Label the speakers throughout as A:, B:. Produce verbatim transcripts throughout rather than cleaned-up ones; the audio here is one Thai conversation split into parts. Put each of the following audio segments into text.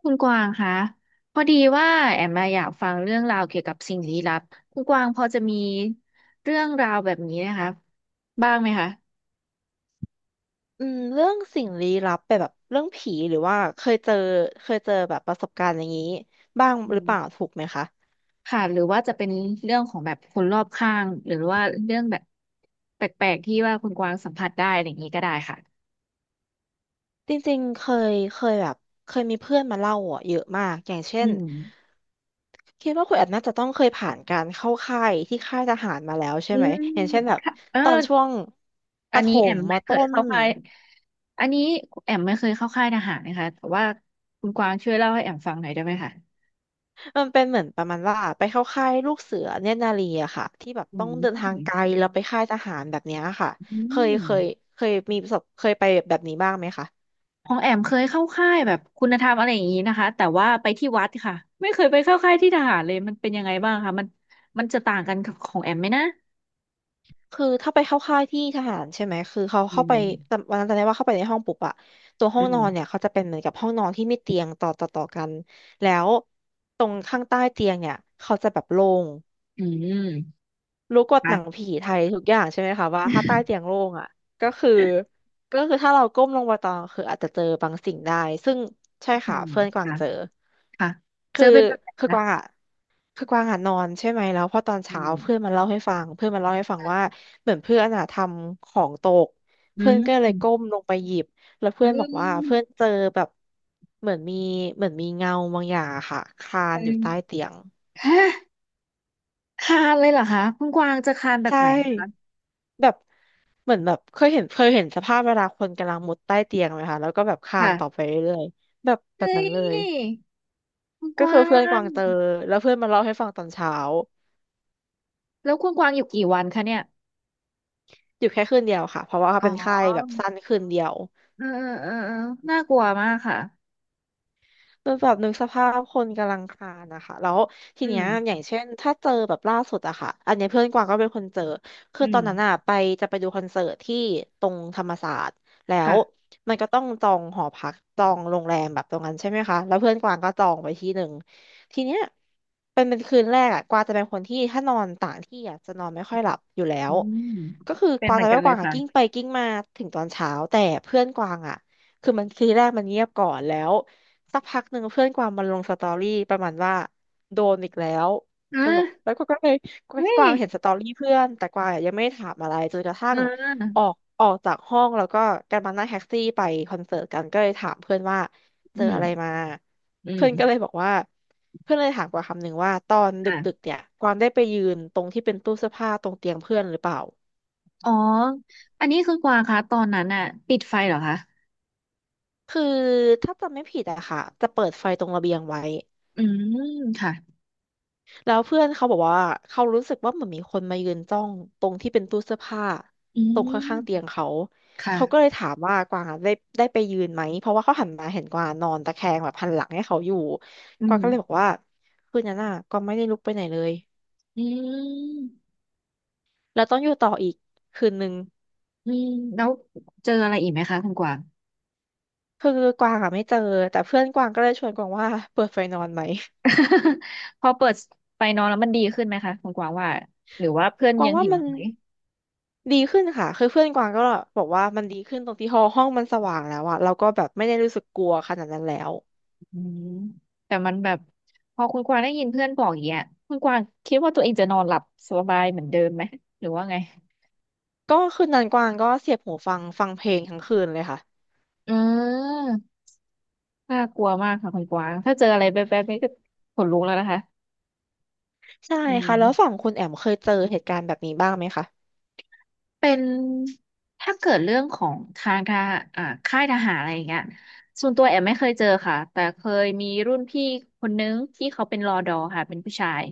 A: คุณกวางคะพอดีว่าแอมมาอยากฟังเรื่องราวเกี่ยวกับสิ่งลี้ลับคุณกวางพอจะมีเรื่องราวแบบนี้นะคะบ้างไหมคะ
B: อืมเรื่องสิ่งลี้ลับแบบแบบเรื่องผีหรือว่าเคยเจอเคยเจอแบบประสบการณ์อย่างนี้บ้าง
A: อื
B: หรือเป
A: ม
B: ล่าถูกไหมคะ
A: ค่ะหรือว่าจะเป็นเรื่องของแบบคนรอบข้างหรือว่าเรื่องแบบแปลกๆที่ว่าคุณกวางสัมผัสได้อะไรอย่างนี้ก็ได้ค่ะ
B: จริงๆเคยเคยแบบเคยมีเพื่อนมาเล่าอ่ะเยอะมากอย่างเช่
A: อื
B: น
A: ม
B: คิดว่าคุณแอดน่าจะต้องเคยผ่านการเข้าค่ายที่ค่ายทหารมาแล้วใช่
A: อื
B: ไหม
A: ม
B: อย่างเช่นแบบ
A: ค่ะเออ
B: ตอนช่วงป
A: อัน
B: ระถ
A: นี้แอ
B: ม
A: ม
B: ม
A: ไม่เค
B: ต้
A: ย
B: น
A: เข้าค่ายอันนี้แอมไม่เคยเข้าค่ายทหารนะคะแต่ว่าคุณกวางช่วยเล่าให้แอมฟังหน่อยได้ไหมคะ
B: มันเป็นเหมือนประมาณว่าไปเข้าค่ายลูกเสือเนตรนารีอะค่ะที่แบบ
A: อื
B: ต้องเดินทางไกล
A: ม
B: แล้วไปค่ายทหารแบบเนี้ยค่ะ
A: อื
B: เคย
A: ม
B: เคยเคยมีประสบเคยไปแบบนี้บ้างไหมคะ
A: ของแอมเคยเข้าค่ายแบบคุณธรรมอะไรอย่างนี้นะคะแต่ว่าไปที่วัดค่ะไม่เคยไปเข้าค่ายที่ทหารเลยมันเป็นยังไงบ้างคะมันมันจะต่างกันกับของแอมไหมนะ
B: คือถ้าไปเข้าค่ายที่ทหารใช่ไหมคือเขา
A: อื
B: เข้าไป
A: ม
B: จำวันนั้นจำได้ว่าเข้าไปในห้องปุ๊บอะตัวห้อ
A: อื
B: งนอนเนี่ย
A: ม
B: เขาจะเป็นเหมือนกับห้องนอนที่มีเตียงต่อต่อต่อกันแล้วตรงข้างใต้เตียงเนี่ยเขาจะแบบโล่ง
A: อืม
B: รู้กฎหนัง
A: ค่ะ
B: ผีไทยทุกอย่างใช่ไหมคะว่าถ้าใต้เตียงโล่งอ่ะก็คือก็คือถ้าเราก้มลงไปตอนคืออาจจะเจอบางสิ่งได้ซึ่งใช่
A: อื
B: ค่ะ
A: ม
B: เพื่อนกวาง
A: ค่ะ
B: เจอ
A: ค่ะเจ
B: คื
A: อ
B: อ
A: เป็นแบบไหน
B: คือก
A: นะ
B: วางอ่ะคือกวางอ่ะนอนใช่ไหมแล้วพอตอน
A: อื
B: เช้า
A: ม
B: เพื่อนมาเล่าให้ฟังเพื่อนมาเล่าให้ฟังว่า
A: ค่ะ
B: เหมือนเพื่อนอ่ะทำของตก
A: อื
B: เพื่อน
A: ม
B: ก็เล
A: อื
B: ย
A: ม
B: ก้มลงไปหยิบแล้ว
A: อ
B: เพื่อนบอกว่าเพื่
A: ื
B: อนเจอแบบเหมือนมีเหมือนมีเงาบางอย่างอะค่ะคลานอยู่ใต้
A: ม
B: เตียง
A: ฮะคานเลยเหรอคะคุณกวางจะคานแบบ
B: ใช่
A: ไหนนะคะ
B: แบบ เหมือนแบบเคยเห็นเคยเห็นสภาพเวลาคนกำลังมุดใต้เตียงไหมคะแล้วก็แบบคลานต่อไป
A: ค่ะ
B: เรื่อยๆแบบแบบ
A: เฮ้
B: นั้นเลย
A: ยคุณก
B: ก็คื
A: วา
B: อเพื่อนก
A: ง
B: วางเจอแล้วเพื่อนมาเล่าให้ฟังตอนเช้า
A: แล้วคุณกวางอยู่กี่วันคะเนี่ย
B: อยู่แค่คืนเดียวค่ะเพราะว่าเขา
A: อ๋
B: เป็นไข้แบบ
A: อ
B: สั้นคืนเดียว
A: เออเออเออน่ากลัวมากค่ะ
B: คืนแบบนึกสภาพคนกำลังคลานนะคะแล้วที
A: อื
B: เนี้
A: ม
B: ยอย่างเช่นถ้าเจอแบบล่าสุดอะค่ะอันเนี้ยเพื่อนกวางก็เป็นคนเจอคื
A: อื
B: อตอ
A: ม
B: นนั้นอะไปจะไปดูคอนเสิร์ตที่ตรงธรรมศาสตร์แล้ว
A: ค่ะ
B: มันก็ต้องจองหอพักจองโรงแรมแบบตรงนั้นใช่ไหมคะแล้วเพื่อนกวางก็จองไปที่หนึ่งทีเนี้ยเป็นเป็นคืนแรกอะกวางจะเป็นคนที่ถ้านอนต่างที่อะจะนอนไม่ค่อยหลับอยู่แล้
A: อื
B: ว
A: ม
B: ก็คือ
A: เป็
B: ก
A: น
B: วา
A: เห
B: ง
A: มือ
B: จะ
A: นกั
B: ไม่
A: นเล
B: ก
A: ย
B: วางอะ
A: ค่ะ
B: กิ้งไปกิ้งมาถึงตอนเช้าแต่เพื่อนกวางอะคือมันคืนแรกมันเงียบก่อนแล้ว สักพักหนึ่งเพื่อนกวางมันลงสตอรี่ประมาณว่าโดนอีกแล้ว
A: อ่
B: มันบอก
A: ะ
B: แล้วก็ก็เลย
A: เฮ้
B: ก
A: ย
B: วางเห็นสตอรี่เพื่อนแต่กวางอะยังไม่ได้ถามอะไรจนกระ
A: เ
B: ทั่งอ
A: ออ
B: อกออกจากห้องแล้วก็กันมานั่งแท็กซี่ไปคอนเสิร์ตกันก็เลยถามเพื่อนว่าเจ
A: อื
B: ออะ
A: ม
B: ไรมา
A: อืม
B: เพื่อนก็เลยบอกว่าเพื่อนเลยถามกวางคำหนึ่งว่าตอนดึก
A: ค่ะ
B: ๆเนี่ยกวางได้ไปยืนตรงที่เป็นตู้เสื้อผ้าตรงเตียงเพื่อนหรือเปล่า
A: อ๋ออันนี้คือกวางคะตอนนั้นน่ะปิดไฟเหรอคะ
B: คือถ้าจำไม่ผิดอะค่ะจะเปิดไฟตรงระเบียงไว้
A: อืมค่ะ
B: แล้วเพื่อนเขาบอกว่าเขารู้สึกว่าเหมือนมีคนมายืนจ้องตรงที่เป็นตู้เสื้อผ้า
A: อื
B: ตรงข้างๆเตี
A: ม
B: ยงเขาเขาก็เลย
A: ค่ะ
B: ถามว่ากวางอะได้ได้ไปยืนไหมเพราะว่าเขาหันมาเห็นกวางนอนตะแคงแบบหันหลังให้เขาอยู่
A: อื
B: กวาง
A: ม
B: ก็เลยบอกว่าคืนนั้นน่ะกวางไม่ได้ลุกไปไหนเลย
A: อืม
B: แล้วต้องอยู่ต่ออีกคืนนึง
A: อืมแล้วเจออะไรอีกไหมคะคุณกวาง
B: คือกวางอ่ะไม่เจอแต่เพื่อนกวางก็เลยชวนกวางว่าเปิดไฟนอนไหม
A: พอเปิดไฟนอนแล้วมันดีขึ้นไหมคะคุณกวางว่าหรือว่าเพื่อน
B: กวา
A: ยั
B: ง
A: ง
B: ว่า
A: เห็น
B: มัน
A: ไหม
B: ดีขึ้นค่ะคือเพื่อนกวางก็บอกว่ามันดีขึ้นตรงที่ห้องห้องมันสว่างแล้วอะเราก็แบบไม่ได้รู้สึกกลัวขนาดนั้นแล้ว
A: อืมแต่มันแบบพอคุณกวางได้ยินเพื่อนบอกอย่างเงี้ยคุณกวางคิดว่าตัวเองจะนอนหลับสบายเหมือนเดิมไหมหรือว่าไง
B: ก็คืนนั้นกวางก็เสียบหูฟังฟังเพลงทั้งคืนเลยค่ะ
A: อืมน่ากลัวมากค่ะคุณกวางถ้าเจออะไรแบบๆนี้ก็ขนลุกแล้วนะคะ
B: ใช่
A: อื
B: ค่ะ
A: ม
B: แล้วฝั่งคุณแอมเคยเจอเหตุการณ์แบบนี้บ้างไหมคะ
A: เป็นถ้าเกิดเรื่องของทางทหารอ่าค่ายทหารอะไรอย่างเงี้ยส่วนตัวแอมไม่เคยเจอค่ะแต่เคยมีรุ่นพี่คนนึงที่เขาเป็นรอดอค่ะเป็นผู้ชาย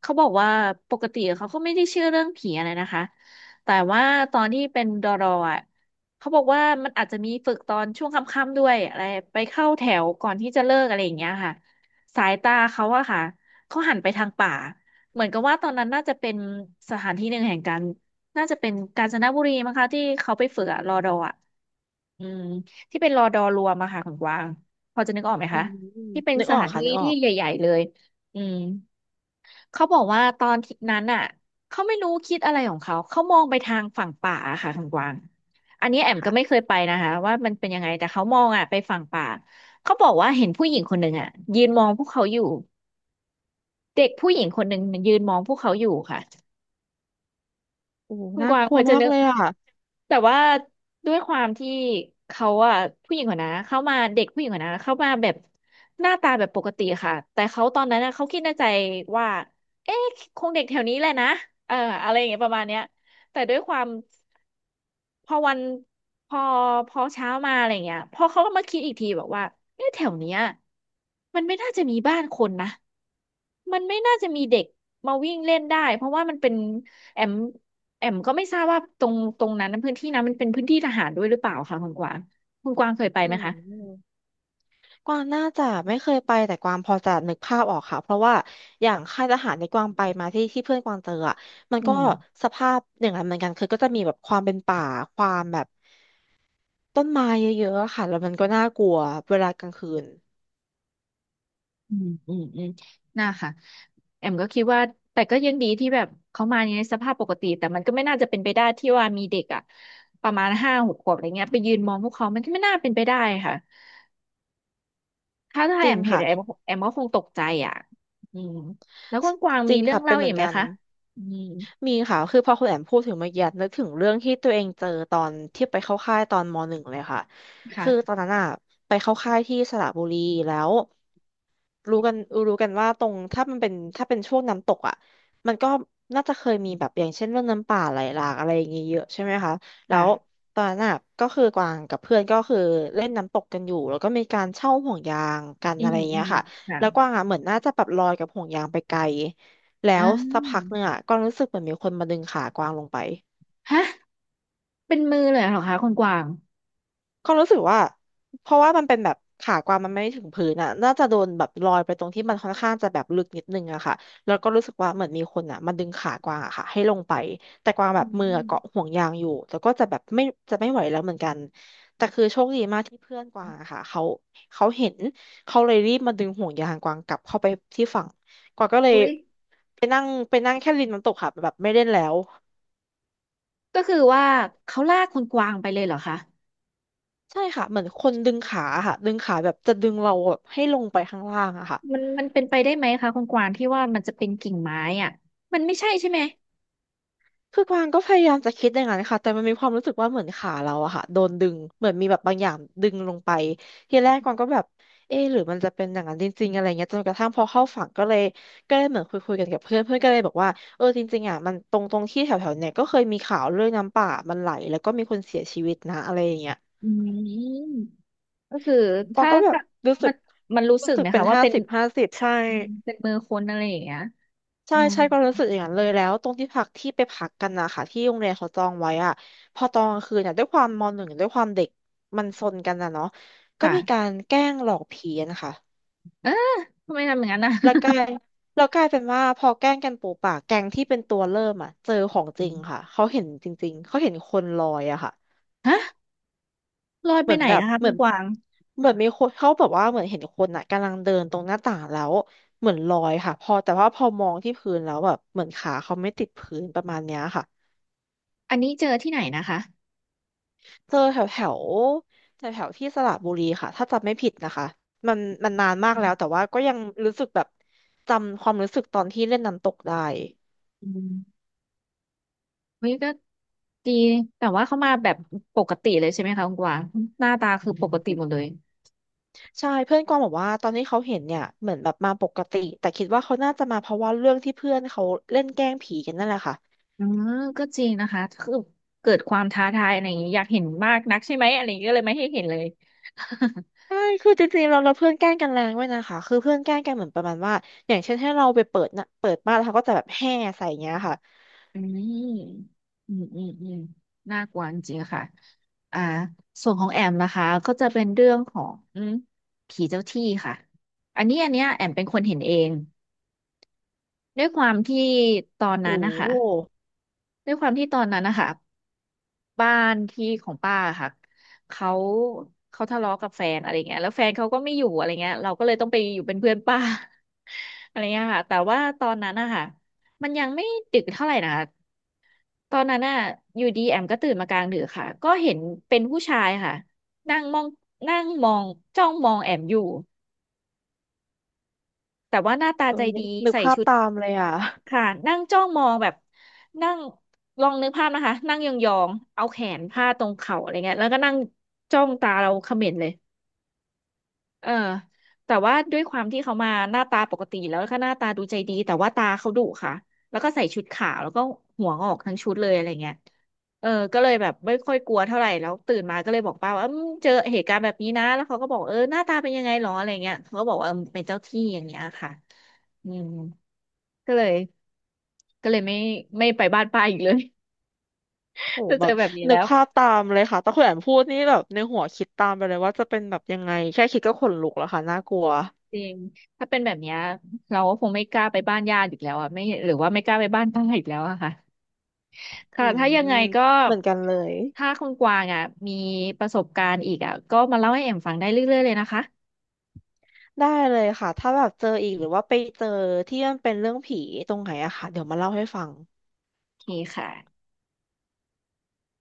A: เขาบอกว่าปกติเขาก็ไม่ได้เชื่อเรื่องผีอะไรนะคะแต่ว่าตอนที่เป็นดอรออ่ะเขาบอกว่ามันอาจจะมีฝึกตอนช่วงค่ำๆด้วยอะไรไปเข้าแถวก่อนที่จะเลิกอะไรอย่างเงี้ยค่ะสายตาเขาอะค่ะเขาหันไปทางป่าเหมือนกับว่าตอนนั้นน่าจะเป็นสถานที่หนึ่งแห่งการ น่าจะเป็นกาญจนบุรีมั้งคะที่เขาไปฝึกอะรอดออะอืมที่เป็นรอดอรวมอะค่ะของกวางพอจะนึกออกไหม
B: อื
A: คะ
B: ม
A: ที่เป็น
B: นึก
A: ส
B: ออ
A: ถา
B: ก
A: น
B: ค่ะ
A: ที่
B: นึกออ
A: ที่
B: ก
A: ใหญ่ๆเลยอืมเขาบอกว่าตอนที่นั้นอะเขาไม่รู้คิดอะไรของเขาเขามองไปทางฝั่งป่าอะค่ะของกวางอันนี้แอมก็ไม่
B: ค่ะ
A: เคยไปนะคะว่ามันเป็นยังไงแต่เขามองอะไปฝั่งป่าเขาบอกว่าเห็นผู้หญิงคนหนึ่งอะยืนมองพวกเขาอยู่เด็กผู้หญิงคนหนึ่งยืนมองพวกเขาอยู่ค่ะ
B: โอ้
A: คุณ
B: น่า
A: กวาง
B: กลั
A: พ
B: ว
A: อจะ
B: มาก
A: นึก
B: เลยอ่ะ
A: แต่ว่าด้วยความที่เขาอะผู้หญิงคนนะเข้ามาเด็กผู้หญิงคนนะเข้ามาแบบหน้าตาแบบปกติค่ะแต่เขาตอนนั้นนะเขาคิดในใจว่าเอ๊ะคงเด็กแถวนี้แหละนะเอออะไรอย่างเงี้ยประมาณเนี้ยแต่ด้วยความ พอวันพอพอเช้ามาอะไรเงี้ยพอเขาก็มาคิดอีกทีบอกว่าเอ๊ะแถวเนี้ยมันไม่น่าจะมีบ้านคนนะมันไม่น่าจะมีเด็กมาวิ่งเล่นได้เพราะว่ามันเป็นแอมแอมก็ไม่ทราบว่าตรงตรงนั้นพื้นที่นั้นมันเป็นพื้นที่ทหารด้วยหรือเปล่าคะคุณกวางคุณกวางเคยไป
B: อื
A: ไหมคะ
B: มกวางน่าจะไม่เคยไปแต่กวางพอจะนึกภาพออกค่ะเพราะว่าอย่างค่ายทหารในกวางไปมาที่ที่เพื่อนกวางเจออ่ะมัน
A: อื
B: ก็
A: ม
B: สภาพอย่างนั้นเหมือนกันคือก็จะมีแบบความเป็นป่าความแบบต้นไม้เยอะๆอะค่ะแล้วมันก็น่ากลัวเวลากลางคืน
A: อืมอืมอืม น่าค่ะแอมก็คิดว่าแต่ก็ยังดีที่แบบเขามาในสภาพปกติแต่มันก็ไม่น่าจะเป็นไปได้ที่ว่ามีเด็กอ่ะประมาณห้าหกขวบอะไรเงี้ยไปยืนมองพวกเขามันก็ไม่น่าเป็นไปได้ค่ะถ้าถ้า
B: จ
A: แอ
B: ริง
A: มเห็น
B: ค่ะ
A: แอมแอมก็คงตกใจอ่ะอืมแล้วคุณกวาง
B: จ
A: มี
B: ริง
A: เรื่อง
B: ค่ะเป็
A: เล่า
B: นเห
A: อี
B: มือ
A: ก
B: น
A: ไหม
B: กัน
A: คะอืม
B: มีค่ะคือพอคุณแอมพูดถึงเมื่อกี้นึกถึงเรื่องที่ตัวเองเจอตอนที่ไปเข้าค่ายตอนมหนึ่งเลยค่ะ คือตอ
A: ค่ะ
B: นนั้นอะไปเข้าค่ายที่สระบุรีแล้ว รู้กันรู้กันว่าตรงถ้ามันเป็นถ้าเป็นช่วงน้ำตกอ่ะมันก็น่าจะเคยมีแบบอย่างเช่นเรื่องน้ำป่าไหลหลากอะไรอย่างเงี้ยเยอะใช่ไหมคะแล้ว
A: ค่ะ
B: ตอนนั้นอะก็คือกวางกับเพื่อนก็คือเล่นน้ำตกกันอยู่แล้วก็มีการเช่าห่วงยางกัน
A: อื
B: อะไร
A: มอื
B: เงี้ย
A: ม
B: ค่ะ
A: ค่ะ
B: แล้วกวางอ่ะเหมือนน่าจะแบบลอยกับห่วงยางไปไกลแล้
A: อ่
B: วสักพักห
A: า
B: นึ่งอ่ะกวางรู้สึกเหมือนมีคนมาดึงขากวางลงไป
A: ฮะเป็นมือเลยเหรอคะคุณกวาง
B: ความรู้สึกว่าเพราะว่ามันเป็นแบบขากวางมันไม่ถึงพื้นอ่ะน่าจะโดนแบบลอยไปตรงที่มันค่อนข้างจะแบบลึกนิดนึงอะค่ะแล้วก็รู้สึกว่าเหมือนมีคนอ่ะมาดึงขากวางอะค่ะให้ลงไปแต่กวางแบ
A: อื
B: บมืออะ
A: ม
B: เกาะห่วงยางอยู่แต่ก็จะแบบไม่จะไม่ไหวแล้วเหมือนกันที่เพื่อนกวางอะค่ะเขาเขาเห็นเขาเลยรีบมาดึงห่วงยางกวางกลับเข้าไปที่ฝั่งกวางก็เลย
A: อุ้ย
B: ไปนั่งไปนั่งแค่ริมน้ำตกค่ะแบบไม่เล่นแล้ว
A: ก็คือว่าเขาลากคุณกวางไปเลยเหรอคะ
B: ใช่ค่ะเหมือนคนดึงขาค่ะดึงขาแบบจะดึงเราแบบให้ลงไปข้างล่างอะค่ะ
A: มันมันเป็นไปได้ไหมคะคุณกวางที่ว่ามันจะเป็นกิ่งไม้อ่ะมันไม่ใช่ใช่ไหม
B: คือกวางก็พยายามจะคิดอย่างนั้นค่ะแต่มันมีความรู้สึกว่าเหมือนขาเราอะค่ะโดนดึงเหมือนมีแบบบางอย่างดึงลงไปทีแรกกวางก็แบบเอ๊ะหรือมันจะเป็นอย่างนั้นจริงๆอะไรเงี้ยจนกระทั่งพอเข้าฝั่งก็เลยก็เลยเหมือนคุยคุยกันกับเพื่อนเพื่อนก็เลยบอกว่าเออจริงๆอะมันตรงตรงที่แถวๆเนี่ยก็เคยมีข่าวเรื่องน้ำป่ามันไหลแล้วก็มีคนเสียชีวิตนะอะไรอย่างเงี้ย
A: อืมก็คือ
B: กวาง
A: ถ้า
B: ก็แบบ
A: ถ้า
B: รู้สึ
A: มั
B: ก
A: นมันรู้สึ
B: รู้
A: ก
B: สึก
A: นะ
B: เป็น
A: คะว่า
B: ห้า
A: เป็น
B: สิบห้าสิบใช่
A: อืมเป็นมือคนอะไรอย่างเงี้ย
B: ใช่
A: อืม
B: ใช่ก็รู้สึกอย่างนั้นเลยแล้วตรงที่พักที่ไปพักกันนะคะที่โรงเรียนเขาจองไว้อะพอตอนกลางคืนเนี่ยด้วยความมอหนึ่งด้วยความเด็กมันซนกันนะเนาะก็มีกา
A: ค่ะ
B: รแกล้งหลอกผีอะนะคะ
A: เออทำไมทำอย่างนั้นนะ
B: แล้วกลายแล้วกลายเป็นว่าพอแกล้งกันปูป่าแก๊งที่เป็นตัวเริ่มอ่ะเจอขอ งจ
A: อื
B: ริง
A: ม
B: ค่ะเขาเห็นจริงๆเขาเห็นคนลอยอะค่ะ
A: ฮะลอย
B: เห
A: ไป
B: มือน
A: ไหน
B: แบบ
A: นะคะ
B: เห
A: คุ
B: มือ
A: ณ
B: น
A: กวาง
B: เหมือนมีคนเขาแบบว่าเหมือนเห็นคนอ่ะกำลังเดินตรงหน้าต่างแล้วเหมือนลอยค่ะพอแต่ว่าพอมองที่พื้นแล้วแบบเหมือนขาเขาไม่ติดพื้นประมาณเนี้ยค่ะ
A: อันนี้เจอที่ไหนนะคะ
B: เจอแถวแถวแถวแถวที่สระบุรีค่ะถ้าจำไม่ผิดนะคะมันมันนานมาก
A: อื
B: แล้ว
A: ม
B: แต่ว่าก็ยังรู้สึกแบบจำความรู้สึกตอนที่เล่นน้ำตกได้
A: อืมเฮ้ยก็ดีแต่ว่าเขามาแบบปกติเลยใช่ไหมคะคุณกวางหน้าตาคือปกติหมดเลย
B: ใช่เพื่อนกวางบอกว่าตอนที่เขาเห็นเนี่ยเหมือนแบบมาปกติแต่คิดว่าเขาน่าจะมาเพราะว่าเรื่องที่เพื่อนเขาเล่นแกล้งผีกันนั่นแหละค่ะ
A: อืมก็จริงนะคะคือเกิดความท้าทายอะไรอย่างนี้อยากเห็นมากนักใช่ไหมอะไรอย่างนี้ก็เลยไม่ให้เห็นเลย
B: ใช่คือจริงๆเราเราเพื่อนแกล้งกันแรงด้วยนะคะคือเพื่อนแกล้งกันเหมือนประมาณว่าอย่างเช่นให้เราไปเปิดนะเปิดบ้านแล้วเขาก็จะแบบแห่ใส่อย่างเงี้ยค่ะ
A: อืมอืมอืมอืมน่ากลัวจริงๆค่ะอ่าส่วนของแอมนะคะก็จะเป็นเรื่องของผีเจ้าที่ค่ะอันนี้อันเนี้ยแอมเป็นคนเห็นเองด้วยความที่ตอนนั้น
B: โอ้
A: นะคะ
B: โห
A: ด้วยความที่ตอนนั้นนะคะ บ้านที่ของป้าค่ะเขาเขาทะเลาะกับแฟนอะไรเงี้ยแล้วแฟนเขาก็ไม่อยู่อะไรเงี้ยเราก็เลยต้องไปอยู่เป็นเพื่อนป้า อะไรเงี้ยค่ะแต่ว่าตอนนั้นอะค่ะมันยังไม่ดึกเท่าไหร่นะคะตอนนั้นอะอยู่ดีแอมก็ตื่นมากลางดึกค่ะก็เห็นเป็นผู้ชายค่ะนั่งมองนั่งมองจ้องมองแอมอยู่แต่ว่าหน้าตา
B: เออ
A: ใจ
B: นึก
A: ดี
B: นึก
A: ใส่
B: ภาพ
A: ชุด
B: ตามเลยอ่ะ
A: ค่ะนั่งจ้องมองแบบนั่งลองนึกภาพนะคะนั่งยองๆเอาแขนพาดตรงเข่าอะไรเงี้ยแล้วก็นั่งจ้องตาเราเขม็งเลยเออแต่ว่าด้วยความที่เขามาหน้าตาปกติแล้วก็หน้าตาดูใจดีแต่ว่าตาเขาดุค่ะแล้วก็ใส่ชุดขาวแล้วก็หัวงอกทั้งชุดเลยอะไรเงี้ยเออก็เลยแบบไม่ค่อยกลัวเท่าไหร่แล้วตื่นมาก็เลยบอกป้าว่าเอมเจอเหตุการณ์แบบนี้นะแล้วเขาก็บอกเออหน้าตาเป็นยังไงหรออะไรเงี้ยเขาก็บอกว่าเออเป็นเจ้าที่อย่างเงี้ยค่ะอืมก็เลย ก็เลยไม่ไม่ไปบ้านป้าอีกเลย
B: โห
A: ถ้า
B: แบ
A: เจอ
B: บ
A: แบบนี้
B: นึ
A: แล้
B: ก
A: ว
B: ภาพตามเลยค่ะตต่คุณแอมพูดนี่แบบในหัวคิดตามไปเลยว่าจะเป็นแบบยังไงแค่คิดก็ขนลุกแล้วค่ะน่ากลัว
A: จริงถ้าเป็นแบบเนี้ยเราก็คงไม่กล้าไปบ้านญาติอีกแล้วอะไม่หรือว่าไม่กล้าไปบ้านป้าอีกแล้วอะค่ะ
B: อื
A: ค่ะถ้ายัง
B: ม
A: ไงก็
B: เหมือนกันเลย
A: ถ้าคุณกวางอ่ะมีประสบการณ์อีกอ่ะก็มาเล่าให้เอ็มฟังได้เรื่อยๆเลยนะคะ
B: ได้เลยค่ะถ้าแบบเจออีกหรือว่าไปเจอที่มันเป็นเรื่องผีตรงไหนอะค่ะเดี๋ยวมาเล่าให้ฟัง
A: โอเคค่ะ